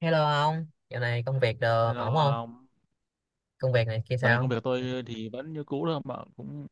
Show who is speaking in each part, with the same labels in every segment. Speaker 1: Hello ông, dạo này công việc đồ
Speaker 2: Hello
Speaker 1: ổn không?
Speaker 2: ông.
Speaker 1: Công việc này kia
Speaker 2: Lần này công
Speaker 1: sao?
Speaker 2: việc tôi thì vẫn như cũ thôi mà cũng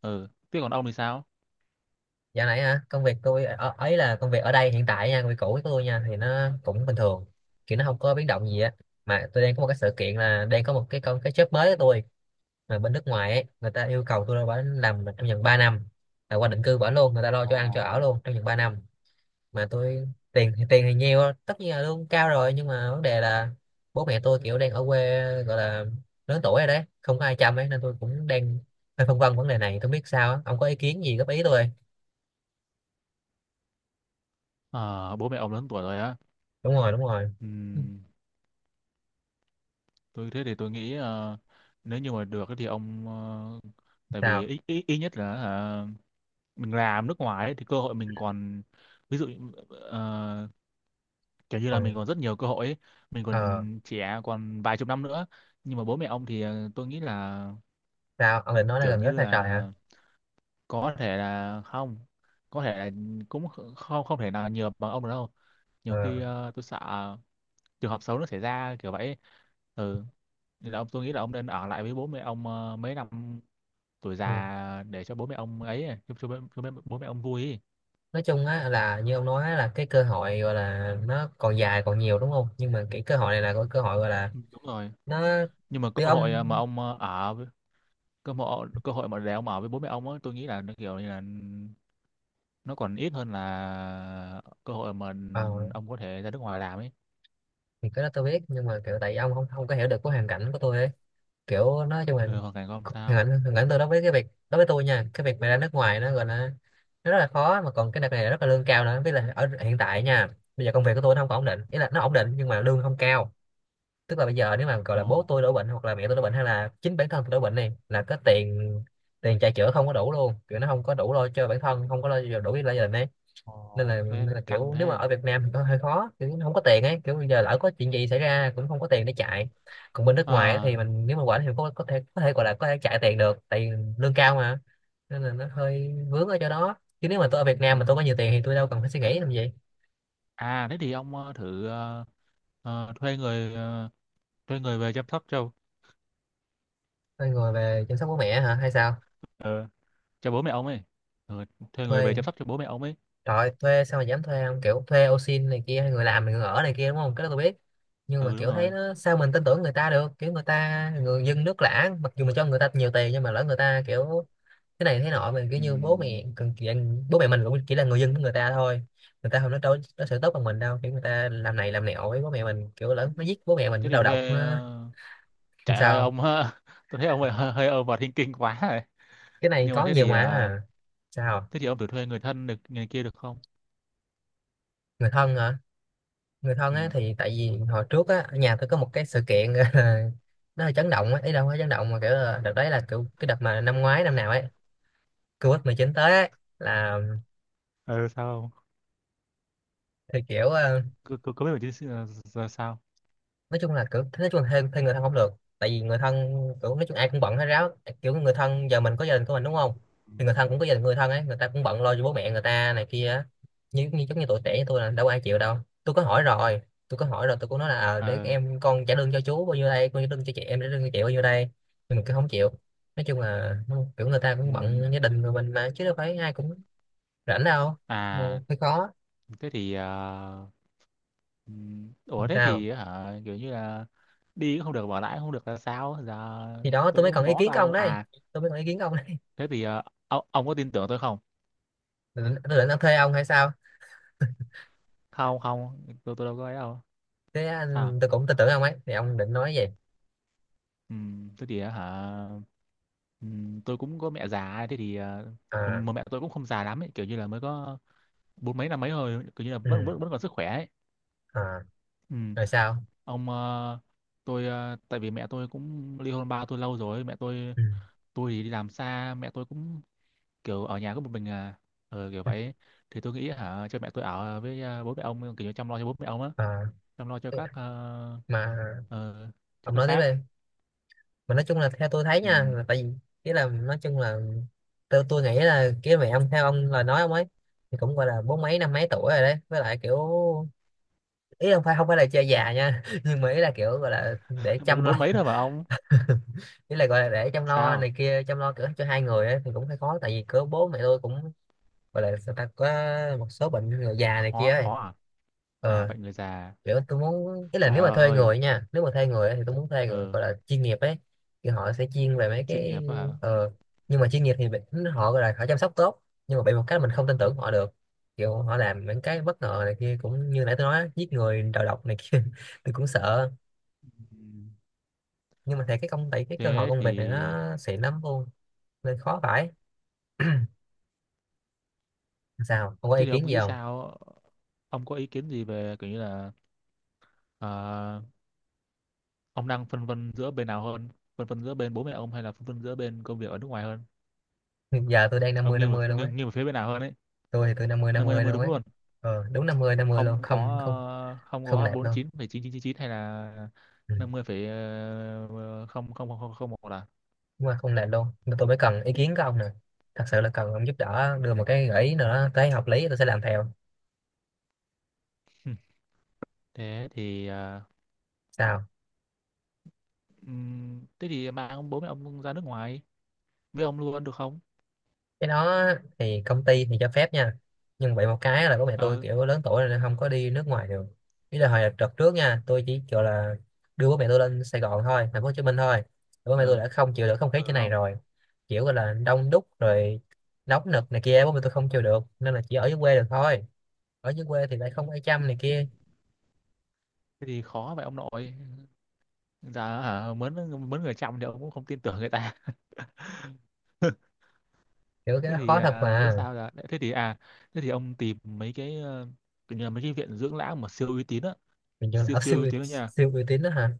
Speaker 2: ừ. Thế còn ông thì sao?
Speaker 1: Dạo này hả? Công việc tôi ở, ấy là công việc ở đây hiện tại nha, công việc cũ của tôi nha thì nó cũng bình thường, kiểu nó không có biến động gì á. Mà tôi đang có một cái sự kiện là đang có một cái con cái job mới của tôi mà bên nước ngoài ấy, người ta yêu cầu tôi là phải làm trong vòng 3 năm, là qua định cư bỏ luôn, người ta lo cho ăn cho ở
Speaker 2: Ồ.
Speaker 1: luôn trong vòng 3 năm. Mà tôi tiền thì nhiều, tất nhiên là lương cao rồi, nhưng mà vấn đề là bố mẹ tôi kiểu đang ở quê, gọi là lớn tuổi rồi đấy, không có ai chăm ấy, nên tôi cũng đang hơi phân vân vấn đề này không biết sao á. Ông có ý kiến gì góp ý tôi không?
Speaker 2: Ờ, bố mẹ ông lớn tuổi rồi á.
Speaker 1: Đúng rồi, đúng rồi.
Speaker 2: Ừm, thế thì tôi nghĩ nếu như mà được ấy thì ông, tại vì
Speaker 1: Sao?
Speaker 2: ít ít ít nhất là mình làm nước ngoài ấy, thì cơ hội mình còn, ví dụ ờ, kiểu như là
Speaker 1: Còn
Speaker 2: mình còn rất nhiều cơ hội ấy. Mình
Speaker 1: ờ
Speaker 2: còn trẻ, còn vài chục năm nữa. Nhưng mà bố mẹ ông thì tôi nghĩ là
Speaker 1: sao ông định nói là
Speaker 2: kiểu
Speaker 1: gần rất
Speaker 2: như
Speaker 1: xa trời hả?
Speaker 2: là có thể là không, có thể là cũng không, không thể nào nhiều bằng ông được đâu.
Speaker 1: Ờ.
Speaker 2: Nhiều khi tôi sợ trường hợp xấu nó xảy ra kiểu vậy. Ừ. Nên là ông, tôi nghĩ là ông nên ở lại với bố mẹ ông mấy năm tuổi
Speaker 1: Ừ.
Speaker 2: già, để cho bố mẹ ông ấy, à, cho bố mẹ ông vui ấy.
Speaker 1: Nói chung á là như ông nói á, là cái cơ hội gọi là nó còn dài còn nhiều đúng không, nhưng mà cái cơ hội này là cái cơ hội gọi là
Speaker 2: Ừ, đúng rồi,
Speaker 1: nó
Speaker 2: nhưng mà
Speaker 1: từ
Speaker 2: cơ
Speaker 1: ông.
Speaker 2: hội mà ông ở với- cơ hội mà để ông ở với bố mẹ ông ấy, tôi nghĩ là nó kiểu như là nó còn ít hơn là cơ hội mà
Speaker 1: ờ,
Speaker 2: ông có thể ra nước ngoài làm ấy.
Speaker 1: thì cái đó tôi biết, nhưng mà kiểu tại vì ông không không có hiểu được cái hoàn cảnh của tôi ấy, kiểu nói chung là
Speaker 2: Ừ, hoàn cảnh của ông sao?
Speaker 1: hoàn cảnh tôi đối với cái việc, đối với tôi nha, cái việc mà ra nước ngoài nó gọi là nó rất là khó, mà còn cái đợt này là rất là lương cao nữa, với là ở hiện tại nha, bây giờ công việc của tôi nó không có ổn định, ý là nó ổn định nhưng mà lương không cao. Tức là bây giờ nếu mà gọi
Speaker 2: Ờ.
Speaker 1: là bố tôi đổ bệnh hoặc là mẹ tôi đổ bệnh hay là chính bản thân tôi đổ bệnh này là cái tiền tiền chạy chữa không có đủ luôn, kiểu nó không có đủ lo cho bản thân, không có lo đủ lo cho gia đình ấy.
Speaker 2: Ồ,
Speaker 1: Nên
Speaker 2: thế
Speaker 1: là
Speaker 2: căng
Speaker 1: kiểu nếu mà
Speaker 2: thế.
Speaker 1: ở Việt Nam thì có hơi khó, kiểu không có tiền ấy, kiểu bây giờ lỡ có chuyện gì xảy ra cũng không có tiền để chạy, còn bên nước ngoài á
Speaker 2: Ờ,
Speaker 1: thì mình nếu mà quản thì có thể, gọi là có thể chạy tiền được tại vì lương cao mà. Nên là nó hơi vướng ở chỗ đó, chứ nếu mà tôi ở Việt Nam mà tôi có nhiều tiền thì tôi đâu cần phải suy
Speaker 2: à,
Speaker 1: nghĩ làm gì.
Speaker 2: à thế thì ông thử thuê người, thuê người về chăm sóc cho,
Speaker 1: Tôi ngồi về chăm sóc bố mẹ hả hay sao?
Speaker 2: ờ, cho bố mẹ ông ấy. Ừ, thuê người về
Speaker 1: Thuê?
Speaker 2: chăm sóc cho bố mẹ ông ấy.
Speaker 1: Trời ơi, thuê sao mà dám thuê, không kiểu thuê ô xin này kia hay người làm người ở này kia đúng không, cái đó tôi biết, nhưng mà
Speaker 2: Ừ, đúng
Speaker 1: kiểu thấy
Speaker 2: rồi.
Speaker 1: nó sao mình tin tưởng người ta được, kiểu người ta người dân nước lã, mặc dù mình cho người ta nhiều tiền nhưng mà lỡ người ta kiểu thế này thế nọ, mình kiểu như bố
Speaker 2: Ừm,
Speaker 1: mẹ cần kiểu, bố mẹ mình cũng chỉ là người dân của người ta thôi, người ta không nói đâu nó sẽ tốt bằng mình đâu, kiểu người ta làm này làm nẹo với bố mẹ mình, kiểu lớn nó giết bố mẹ mình,
Speaker 2: thế
Speaker 1: nó
Speaker 2: thì
Speaker 1: đầu độc
Speaker 2: thuê
Speaker 1: nó.
Speaker 2: trời ơi
Speaker 1: Sao?
Speaker 2: ông. Tôi thấy ông hơi hơi over thinking quá rồi.
Speaker 1: Cái này
Speaker 2: Nhưng mà
Speaker 1: có
Speaker 2: thế
Speaker 1: nhiều
Speaker 2: thì
Speaker 1: mà à. Sao?
Speaker 2: thế thì ông thử thuê người thân được, người kia được không?
Speaker 1: Người thân hả? Người thân
Speaker 2: Ừ.
Speaker 1: á thì tại vì hồi trước á ở nhà tôi có một cái sự kiện nó hơi chấn động á, ý đâu có chấn động mà kiểu là đợt đấy là kiểu cái đợt mà năm ngoái năm nào ấy, COVID-19 tới ấy, là
Speaker 2: Ừ sao không?
Speaker 1: thì kiểu ờ,
Speaker 2: Cứ cứ cứ biết mình chứ. Sao?
Speaker 1: nói chung là kiểu nói chung là thuê, thuê người thân không được, tại vì người thân kiểu nói chung ai cũng bận hết ráo, kiểu người thân giờ mình có gia đình của mình đúng không,
Speaker 2: Ừ.
Speaker 1: thì người thân cũng có gia đình người thân ấy, người ta cũng bận lo cho bố mẹ người ta này kia á. Như như giống như tuổi trẻ như tôi là đâu có ai chịu đâu. tôi có hỏi rồi tôi có hỏi rồi, tôi cũng nói là để
Speaker 2: Ờ.
Speaker 1: em con trả lương cho chú bao nhiêu đây, con trả lương cho chị, em trả lương cho chị bao nhiêu đây, nhưng mà cứ không chịu. Nói chung là kiểu người ta
Speaker 2: Ừ.
Speaker 1: cũng bận gia đình của mình mà, chứ đâu phải ai cũng rảnh đâu. Ừ,
Speaker 2: À
Speaker 1: hơi khó.
Speaker 2: thế thì ừ. Ủa thế
Speaker 1: Sao?
Speaker 2: thì hả, kiểu như là đi cũng không được, bỏ lại cũng không được, là sao giờ?
Speaker 1: Thì đó tôi
Speaker 2: Tôi
Speaker 1: mới cần
Speaker 2: cũng
Speaker 1: ý
Speaker 2: bó
Speaker 1: kiến của
Speaker 2: tay
Speaker 1: ông
Speaker 2: luôn
Speaker 1: đấy.
Speaker 2: à.
Speaker 1: Tôi mới cần ý kiến của ông đấy.
Speaker 2: Thế thì ông có tin tưởng tôi không?
Speaker 1: Tôi định thuê ông hay sao?
Speaker 2: Không không, tôi đâu có ấy đâu.
Speaker 1: Thế
Speaker 2: Sao?
Speaker 1: anh tôi cũng tin tưởng ông ấy, thì ông định nói gì?
Speaker 2: Ừ, thế thì hả. Ừ, tôi cũng có mẹ già, thế thì
Speaker 1: À.
Speaker 2: mà mẹ tôi cũng không già lắm ấy, kiểu như là mới có bốn mấy, năm mấy thôi, kiểu như là vẫn
Speaker 1: Ừ.
Speaker 2: vẫn vẫn còn sức khỏe ấy.
Speaker 1: À.
Speaker 2: Ừ,
Speaker 1: Rồi sao?
Speaker 2: ông, tôi tại vì mẹ tôi cũng ly hôn ba tôi lâu rồi, mẹ tôi
Speaker 1: Ừ.
Speaker 2: tôi thì đi làm xa, mẹ tôi cũng kiểu ở nhà có một mình à. Ừ, kiểu vậy. Thì tôi nghĩ hả cho mẹ tôi ở với à, bố mẹ ông, kiểu như chăm lo cho bố mẹ ông á,
Speaker 1: À.
Speaker 2: chăm lo cho các
Speaker 1: Mà
Speaker 2: ờ, cho
Speaker 1: ông
Speaker 2: các
Speaker 1: nói tiếp
Speaker 2: bác.
Speaker 1: đi. Mà nói chung là theo tôi thấy
Speaker 2: Ừ.
Speaker 1: nha là tại vì cái là nói chung là tôi nghĩ là cái mẹ ông theo ông lời nói ông ấy, thì cũng gọi là bốn mấy năm mấy tuổi rồi đấy, với lại kiểu ý không phải là chơi già nha, nhưng mà ý là kiểu gọi là để
Speaker 2: Mới có
Speaker 1: chăm lo.
Speaker 2: bốn mấy thôi mà ông.
Speaker 1: Ý là gọi là để chăm lo
Speaker 2: Sao?
Speaker 1: này kia, chăm lo kiểu cho hai người ấy, thì cũng hơi khó tại vì cỡ bố mẹ tôi cũng gọi là sao ta có một số bệnh người già này kia
Speaker 2: Khó,
Speaker 1: ấy.
Speaker 2: khó à? À,
Speaker 1: Ờ.
Speaker 2: bệnh người già.
Speaker 1: Kiểu tôi muốn ý là nếu mà
Speaker 2: Trời
Speaker 1: thuê
Speaker 2: ơi.
Speaker 1: người nha, nếu mà thuê người ấy, thì tôi muốn thuê người
Speaker 2: Ừ,
Speaker 1: gọi là chuyên nghiệp ấy, thì họ sẽ chuyên về mấy
Speaker 2: chuyên
Speaker 1: cái.
Speaker 2: nghiệp quá hả.
Speaker 1: ờ nhưng mà chuyên nghiệp thì họ gọi là họ chăm sóc tốt, nhưng mà bị một cái là mình không tin tưởng họ được, kiểu họ làm những cái bất ngờ này kia cũng như nãy tôi nói á, giết người đầu độc này kia. Tôi cũng sợ,
Speaker 2: Ừ.
Speaker 1: nhưng mà thấy cái công ty cái cơ hội
Speaker 2: Thế
Speaker 1: công việc này
Speaker 2: thì
Speaker 1: nó xịn lắm luôn, nên khó phải. Sao không có ý
Speaker 2: thế thì ông
Speaker 1: kiến gì
Speaker 2: nghĩ
Speaker 1: không?
Speaker 2: sao? Ông có ý kiến gì về kiểu như là ờ, ông đang phân vân giữa bên nào hơn? Phân vân giữa bên bố mẹ ông, hay là phân vân giữa bên công việc ở nước ngoài hơn?
Speaker 1: Giờ tôi đang
Speaker 2: Ông nghiêng
Speaker 1: năm
Speaker 2: về
Speaker 1: mươi luôn á.
Speaker 2: nghiêng, nghiêng về phía bên nào hơn ấy?
Speaker 1: Tôi thì tôi năm
Speaker 2: Năm mươi năm
Speaker 1: mươi
Speaker 2: mươi
Speaker 1: luôn
Speaker 2: đúng
Speaker 1: ấy.
Speaker 2: luôn?
Speaker 1: Ờ, đúng năm mươi
Speaker 2: Không
Speaker 1: luôn,
Speaker 2: có
Speaker 1: không không
Speaker 2: không
Speaker 1: không
Speaker 2: có
Speaker 1: lệch
Speaker 2: bốn mươi
Speaker 1: luôn.
Speaker 2: chín phẩy chín chín, chín phẩy chín hay là
Speaker 1: Ừ.
Speaker 2: 50 phẩy không không không không không một là?
Speaker 1: Đúng là không lệch luôn, nên tôi mới cần ý kiến của ông nè. Thật sự là cần ông giúp đỡ đưa một cái gợi ý nữa tới hợp lý, tôi sẽ làm theo.
Speaker 2: Thế thì
Speaker 1: Sao?
Speaker 2: thế thì mang ông, bố mẹ ông ra nước ngoài với ông luôn được không?
Speaker 1: Cái đó thì công ty thì cho phép nha, nhưng vậy một cái là bố mẹ tôi
Speaker 2: Ờ.
Speaker 1: kiểu lớn tuổi rồi nên không có đi nước ngoài được. Ý là hồi đợt trước nha, tôi chỉ gọi là đưa bố mẹ tôi lên Sài Gòn thôi, thành phố Hồ Chí Minh thôi, bố mẹ tôi
Speaker 2: Ờ.
Speaker 1: đã không chịu được không khí
Speaker 2: Ờ
Speaker 1: trên này
Speaker 2: không.
Speaker 1: rồi, kiểu gọi là đông đúc rồi, nóng nực này kia, bố mẹ tôi không chịu được nên là chỉ ở dưới quê được thôi. Ở dưới quê thì lại không ai chăm này kia,
Speaker 2: Thế thì khó vậy ông nội. Dạ hả, mướn, mướn người chăm thì ông cũng không tin tưởng người ta.
Speaker 1: kiểu cái
Speaker 2: Thế
Speaker 1: đó
Speaker 2: thì
Speaker 1: khó thật
Speaker 2: à, biết
Speaker 1: mà.
Speaker 2: sao, là thế thì à, thế thì ông tìm mấy cái kiểu như là mấy cái viện dưỡng lão mà siêu uy tín á.
Speaker 1: Mình trường
Speaker 2: Siêu
Speaker 1: lão
Speaker 2: siêu uy
Speaker 1: siêu
Speaker 2: tín đó nha,
Speaker 1: siêu uy tín đó hả?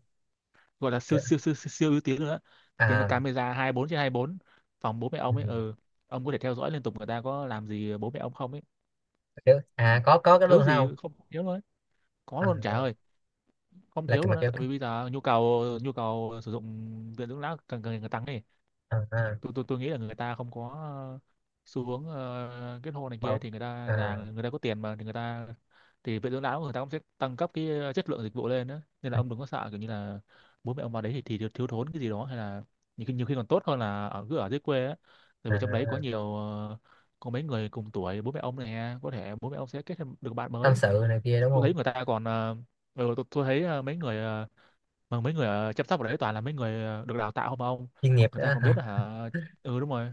Speaker 2: gọi là siêu
Speaker 1: Kiểu,
Speaker 2: siêu siêu siêu, siêu ưu tiên nữa. Cái là
Speaker 1: à.
Speaker 2: camera 24 trên 24 phòng bố mẹ ông ấy,
Speaker 1: Ừ,
Speaker 2: ừ, ông có thể theo dõi liên tục người ta có làm gì bố mẹ ông không ấy.
Speaker 1: kiểu.
Speaker 2: Ừ.
Speaker 1: À, có
Speaker 2: Cũng
Speaker 1: cái đó
Speaker 2: thiếu
Speaker 1: luôn phải
Speaker 2: gì,
Speaker 1: không?
Speaker 2: không thiếu luôn ấy. Có
Speaker 1: à,
Speaker 2: luôn trả
Speaker 1: à,
Speaker 2: ơi, không
Speaker 1: là
Speaker 2: thiếu
Speaker 1: kiểu mà
Speaker 2: luôn á,
Speaker 1: kiểu.
Speaker 2: tại vì bây giờ nhu cầu, nhu cầu sử dụng viện dưỡng lão càng, càng ngày càng tăng ấy.
Speaker 1: À, à.
Speaker 2: Tôi nghĩ là người ta không có ờ, xu hướng kết hôn này kia,
Speaker 1: Bọc.
Speaker 2: thì người ta
Speaker 1: À,
Speaker 2: già, người ta có tiền mà, thì người ta, thì viện dưỡng lão người ta cũng sẽ tăng cấp cái chất lượng dịch vụ lên đó. Nên là ông đừng có sợ kiểu như là bố mẹ ông vào đấy thì thiếu, thiếu thốn cái gì đó, hay là nhiều khi còn tốt hơn là ở, cứ ở dưới quê á, tại vì trong đấy có
Speaker 1: à,
Speaker 2: nhiều có mấy người cùng tuổi bố mẹ ông này, có thể bố mẹ ông sẽ kết thêm được bạn
Speaker 1: tâm
Speaker 2: mới.
Speaker 1: sự này kia đúng
Speaker 2: Tôi
Speaker 1: không?
Speaker 2: thấy người ta còn ừ, tôi thấy mấy người mà mấy người ở chăm sóc ở đấy toàn là mấy người được đào tạo không mà ông.
Speaker 1: Chuyên nghiệp
Speaker 2: Người ta
Speaker 1: đó
Speaker 2: còn biết
Speaker 1: hả?
Speaker 2: hả. Ừ, đúng rồi.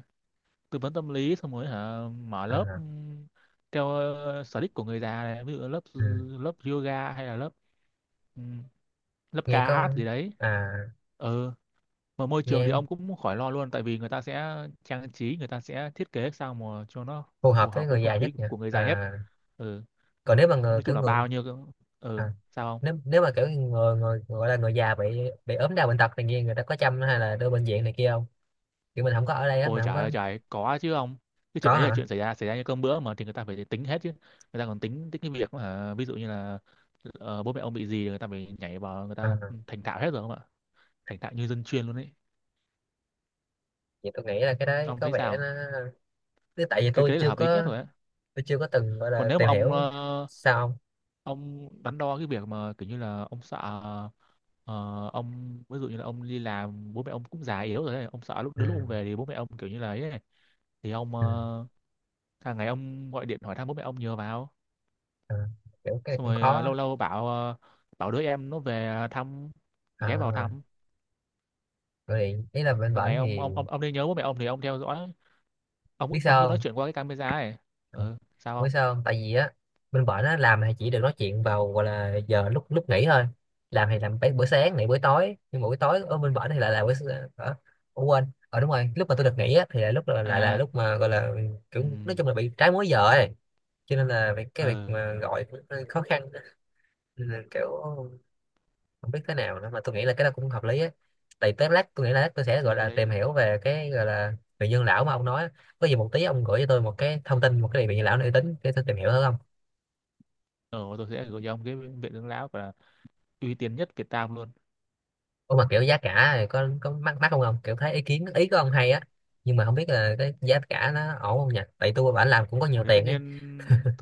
Speaker 2: Tư vấn tâm lý, xong rồi hả, mở lớp
Speaker 1: À.
Speaker 2: theo sở thích của người già này, ví dụ lớp ừ,
Speaker 1: Ừ.
Speaker 2: lớp yoga, hay là lớp ừm, lớp
Speaker 1: Nghe
Speaker 2: ca
Speaker 1: có.
Speaker 2: hát gì đấy.
Speaker 1: À.
Speaker 2: Ừ. Mà môi trường thì ông
Speaker 1: Nghe
Speaker 2: cũng khỏi lo luôn, tại vì người ta sẽ trang trí, người ta sẽ thiết kế sao mà cho nó
Speaker 1: phù hợp
Speaker 2: phù
Speaker 1: với
Speaker 2: hợp với
Speaker 1: người
Speaker 2: không
Speaker 1: già
Speaker 2: khí
Speaker 1: nhất nhỉ?
Speaker 2: của người già nhất.
Speaker 1: À,
Speaker 2: Ừ.
Speaker 1: còn nếu mà người
Speaker 2: Nói
Speaker 1: kiểu
Speaker 2: chung là
Speaker 1: người.
Speaker 2: bao nhiêu. Ừ,
Speaker 1: À,
Speaker 2: sao không?
Speaker 1: nếu nếu mà kiểu người, người gọi là người già bị ốm đau bệnh tật này kia, người ta có chăm hay là đưa bệnh viện này kia không, kiểu mình không có ở đây á mà
Speaker 2: Ôi
Speaker 1: không
Speaker 2: trời
Speaker 1: có.
Speaker 2: ơi trời, có chứ ông. Cái chuyện
Speaker 1: Có
Speaker 2: đấy là chuyện
Speaker 1: hả?
Speaker 2: xảy ra, xảy ra như cơm bữa mà, thì người ta phải tính hết chứ. Người ta còn tính tính cái việc mà ví dụ như là bố mẹ ông bị gì, người ta phải nhảy vào, người ta
Speaker 1: À.
Speaker 2: ừ, thành thạo hết rồi không ạ? Thành thạo như dân chuyên luôn ấy.
Speaker 1: Vậy tôi nghĩ là cái đấy
Speaker 2: Ông
Speaker 1: có
Speaker 2: thấy
Speaker 1: vẻ nó
Speaker 2: sao?
Speaker 1: tức tại vì
Speaker 2: Cái
Speaker 1: tôi
Speaker 2: cái đấy là
Speaker 1: chưa
Speaker 2: hợp lý nhất
Speaker 1: có.
Speaker 2: rồi ấy.
Speaker 1: Tôi chưa có từng gọi
Speaker 2: Còn
Speaker 1: là
Speaker 2: nếu mà
Speaker 1: tìm
Speaker 2: ông
Speaker 1: hiểu. Sao không?
Speaker 2: ông đắn đo cái việc mà kiểu như là ông sợ ờ, ông ví dụ như là ông đi làm, bố mẹ ông cũng già yếu rồi ấy. Ông sợ lúc đến lúc ông
Speaker 1: Ừ.
Speaker 2: về thì bố mẹ ông kiểu như là ấy, ấy. Thì ông
Speaker 1: Ừ.
Speaker 2: hàng ngày ông gọi điện hỏi thăm bố mẹ ông nhờ vào,
Speaker 1: À. Kiểu cái
Speaker 2: xong
Speaker 1: cũng
Speaker 2: rồi
Speaker 1: khó.
Speaker 2: lâu lâu bảo bảo đứa em nó về thăm, ghé vào
Speaker 1: À,
Speaker 2: thăm.
Speaker 1: gọi điện ý là bên
Speaker 2: Hàng ngày
Speaker 1: bển
Speaker 2: ông
Speaker 1: thì
Speaker 2: ông nên nhớ bố mẹ ông thì ông theo dõi, ông
Speaker 1: biết
Speaker 2: ông cứ
Speaker 1: sao
Speaker 2: nói
Speaker 1: không?
Speaker 2: chuyện qua cái camera ấy.
Speaker 1: Ừ,
Speaker 2: Ừ, sao
Speaker 1: biết
Speaker 2: không?
Speaker 1: sao không, tại vì á bên bển á làm thì chỉ được nói chuyện vào gọi là giờ lúc lúc nghỉ thôi, làm thì làm bữa sáng này bữa tối, nhưng mà buổi tối ở bên bển thì lại là Ủa quên, ờ đúng rồi, lúc mà tôi được nghỉ á thì là lại là
Speaker 2: À,
Speaker 1: lúc mà gọi là
Speaker 2: ừ,
Speaker 1: kiểu nói chung là bị trái múi giờ ấy, cho nên là cái việc
Speaker 2: ờ.
Speaker 1: mà gọi cũng hơi khó khăn. Nên là kiểu không biết thế nào nữa, mà tôi nghĩ là cái đó cũng hợp lý á, tại tới lát tôi nghĩ là lát tôi sẽ
Speaker 2: Cái
Speaker 1: gọi
Speaker 2: đấy, cái
Speaker 1: là
Speaker 2: đấy,
Speaker 1: tìm hiểu về cái gọi là vị nhân lão mà ông nói á. Có gì một tí ông gửi cho tôi một cái thông tin một cái vị nhân lão uy tín để tôi tìm hiểu thử không?
Speaker 2: ờ, tôi sẽ gửi cho ông cái viện dưỡng lão và uy tín nhất Việt Nam luôn.
Speaker 1: Ủa mà kiểu giá cả thì có mắc mắc không ông, kiểu thấy ý kiến ý của ông hay á, nhưng mà không biết là cái giá cả nó ổn không nhỉ, tại tôi bản làm cũng có nhiều
Speaker 2: Ồ, thì tất
Speaker 1: tiền ấy.
Speaker 2: nhiên,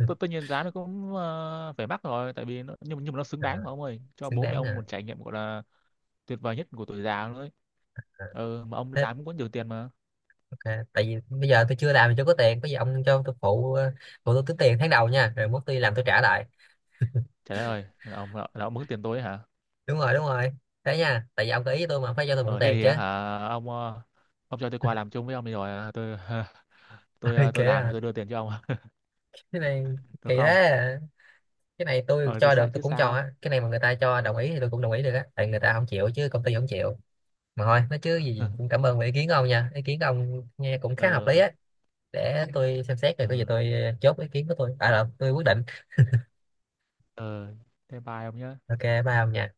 Speaker 2: tất nhiên giá nó cũng phải mắc rồi, tại vì nó, nhưng mà nó xứng
Speaker 1: Ờ,
Speaker 2: đáng mà ông ơi, cho
Speaker 1: xứng
Speaker 2: bố mẹ
Speaker 1: đáng
Speaker 2: ông
Speaker 1: à,
Speaker 2: một trải nghiệm gọi là tuyệt vời nhất của tuổi già luôn đấy.
Speaker 1: à
Speaker 2: Ừ, mà ông
Speaker 1: thế.
Speaker 2: làm cũng có nhiều tiền mà.
Speaker 1: Ok, tại vì bây giờ tôi chưa làm thì chưa có tiền, có gì ông cho tôi phụ phụ tôi tính tiền tháng đầu nha, rồi mốt tôi làm tôi trả lại.
Speaker 2: Trả lời là ông mướn tiền tôi ấy hả?
Speaker 1: Đúng rồi, đúng rồi. Thế nha, tại vì ông có ý với tôi mà phải cho tôi mượn
Speaker 2: Ờ thế
Speaker 1: tiền
Speaker 2: thì
Speaker 1: chứ.
Speaker 2: á hả ông ông cho tôi qua làm chung với ông đi, rồi tôi tôi
Speaker 1: Ôi, kệ
Speaker 2: tôi làm thì
Speaker 1: à.
Speaker 2: tôi đưa tiền cho ông.
Speaker 1: Cái này
Speaker 2: Được
Speaker 1: kỳ thế
Speaker 2: không?
Speaker 1: à. Cái này tôi
Speaker 2: Ờ thì
Speaker 1: cho
Speaker 2: sao
Speaker 1: được tôi
Speaker 2: chứ,
Speaker 1: cũng cho
Speaker 2: sao?
Speaker 1: á, cái này mà người ta cho đồng ý thì tôi cũng đồng ý được á, tại người ta không chịu, chứ công ty không chịu. Mà thôi nói chứ gì cũng cảm ơn về ý kiến của ông nha, ý kiến của ông nghe cũng khá hợp lý
Speaker 2: Ờ.
Speaker 1: á, để tôi xem xét
Speaker 2: Ờ.
Speaker 1: rồi có gì tôi chốt ý kiến của tôi à là tôi quyết định.
Speaker 2: Ờ, thế bye ông nhé.
Speaker 1: Ok, bye ông nha.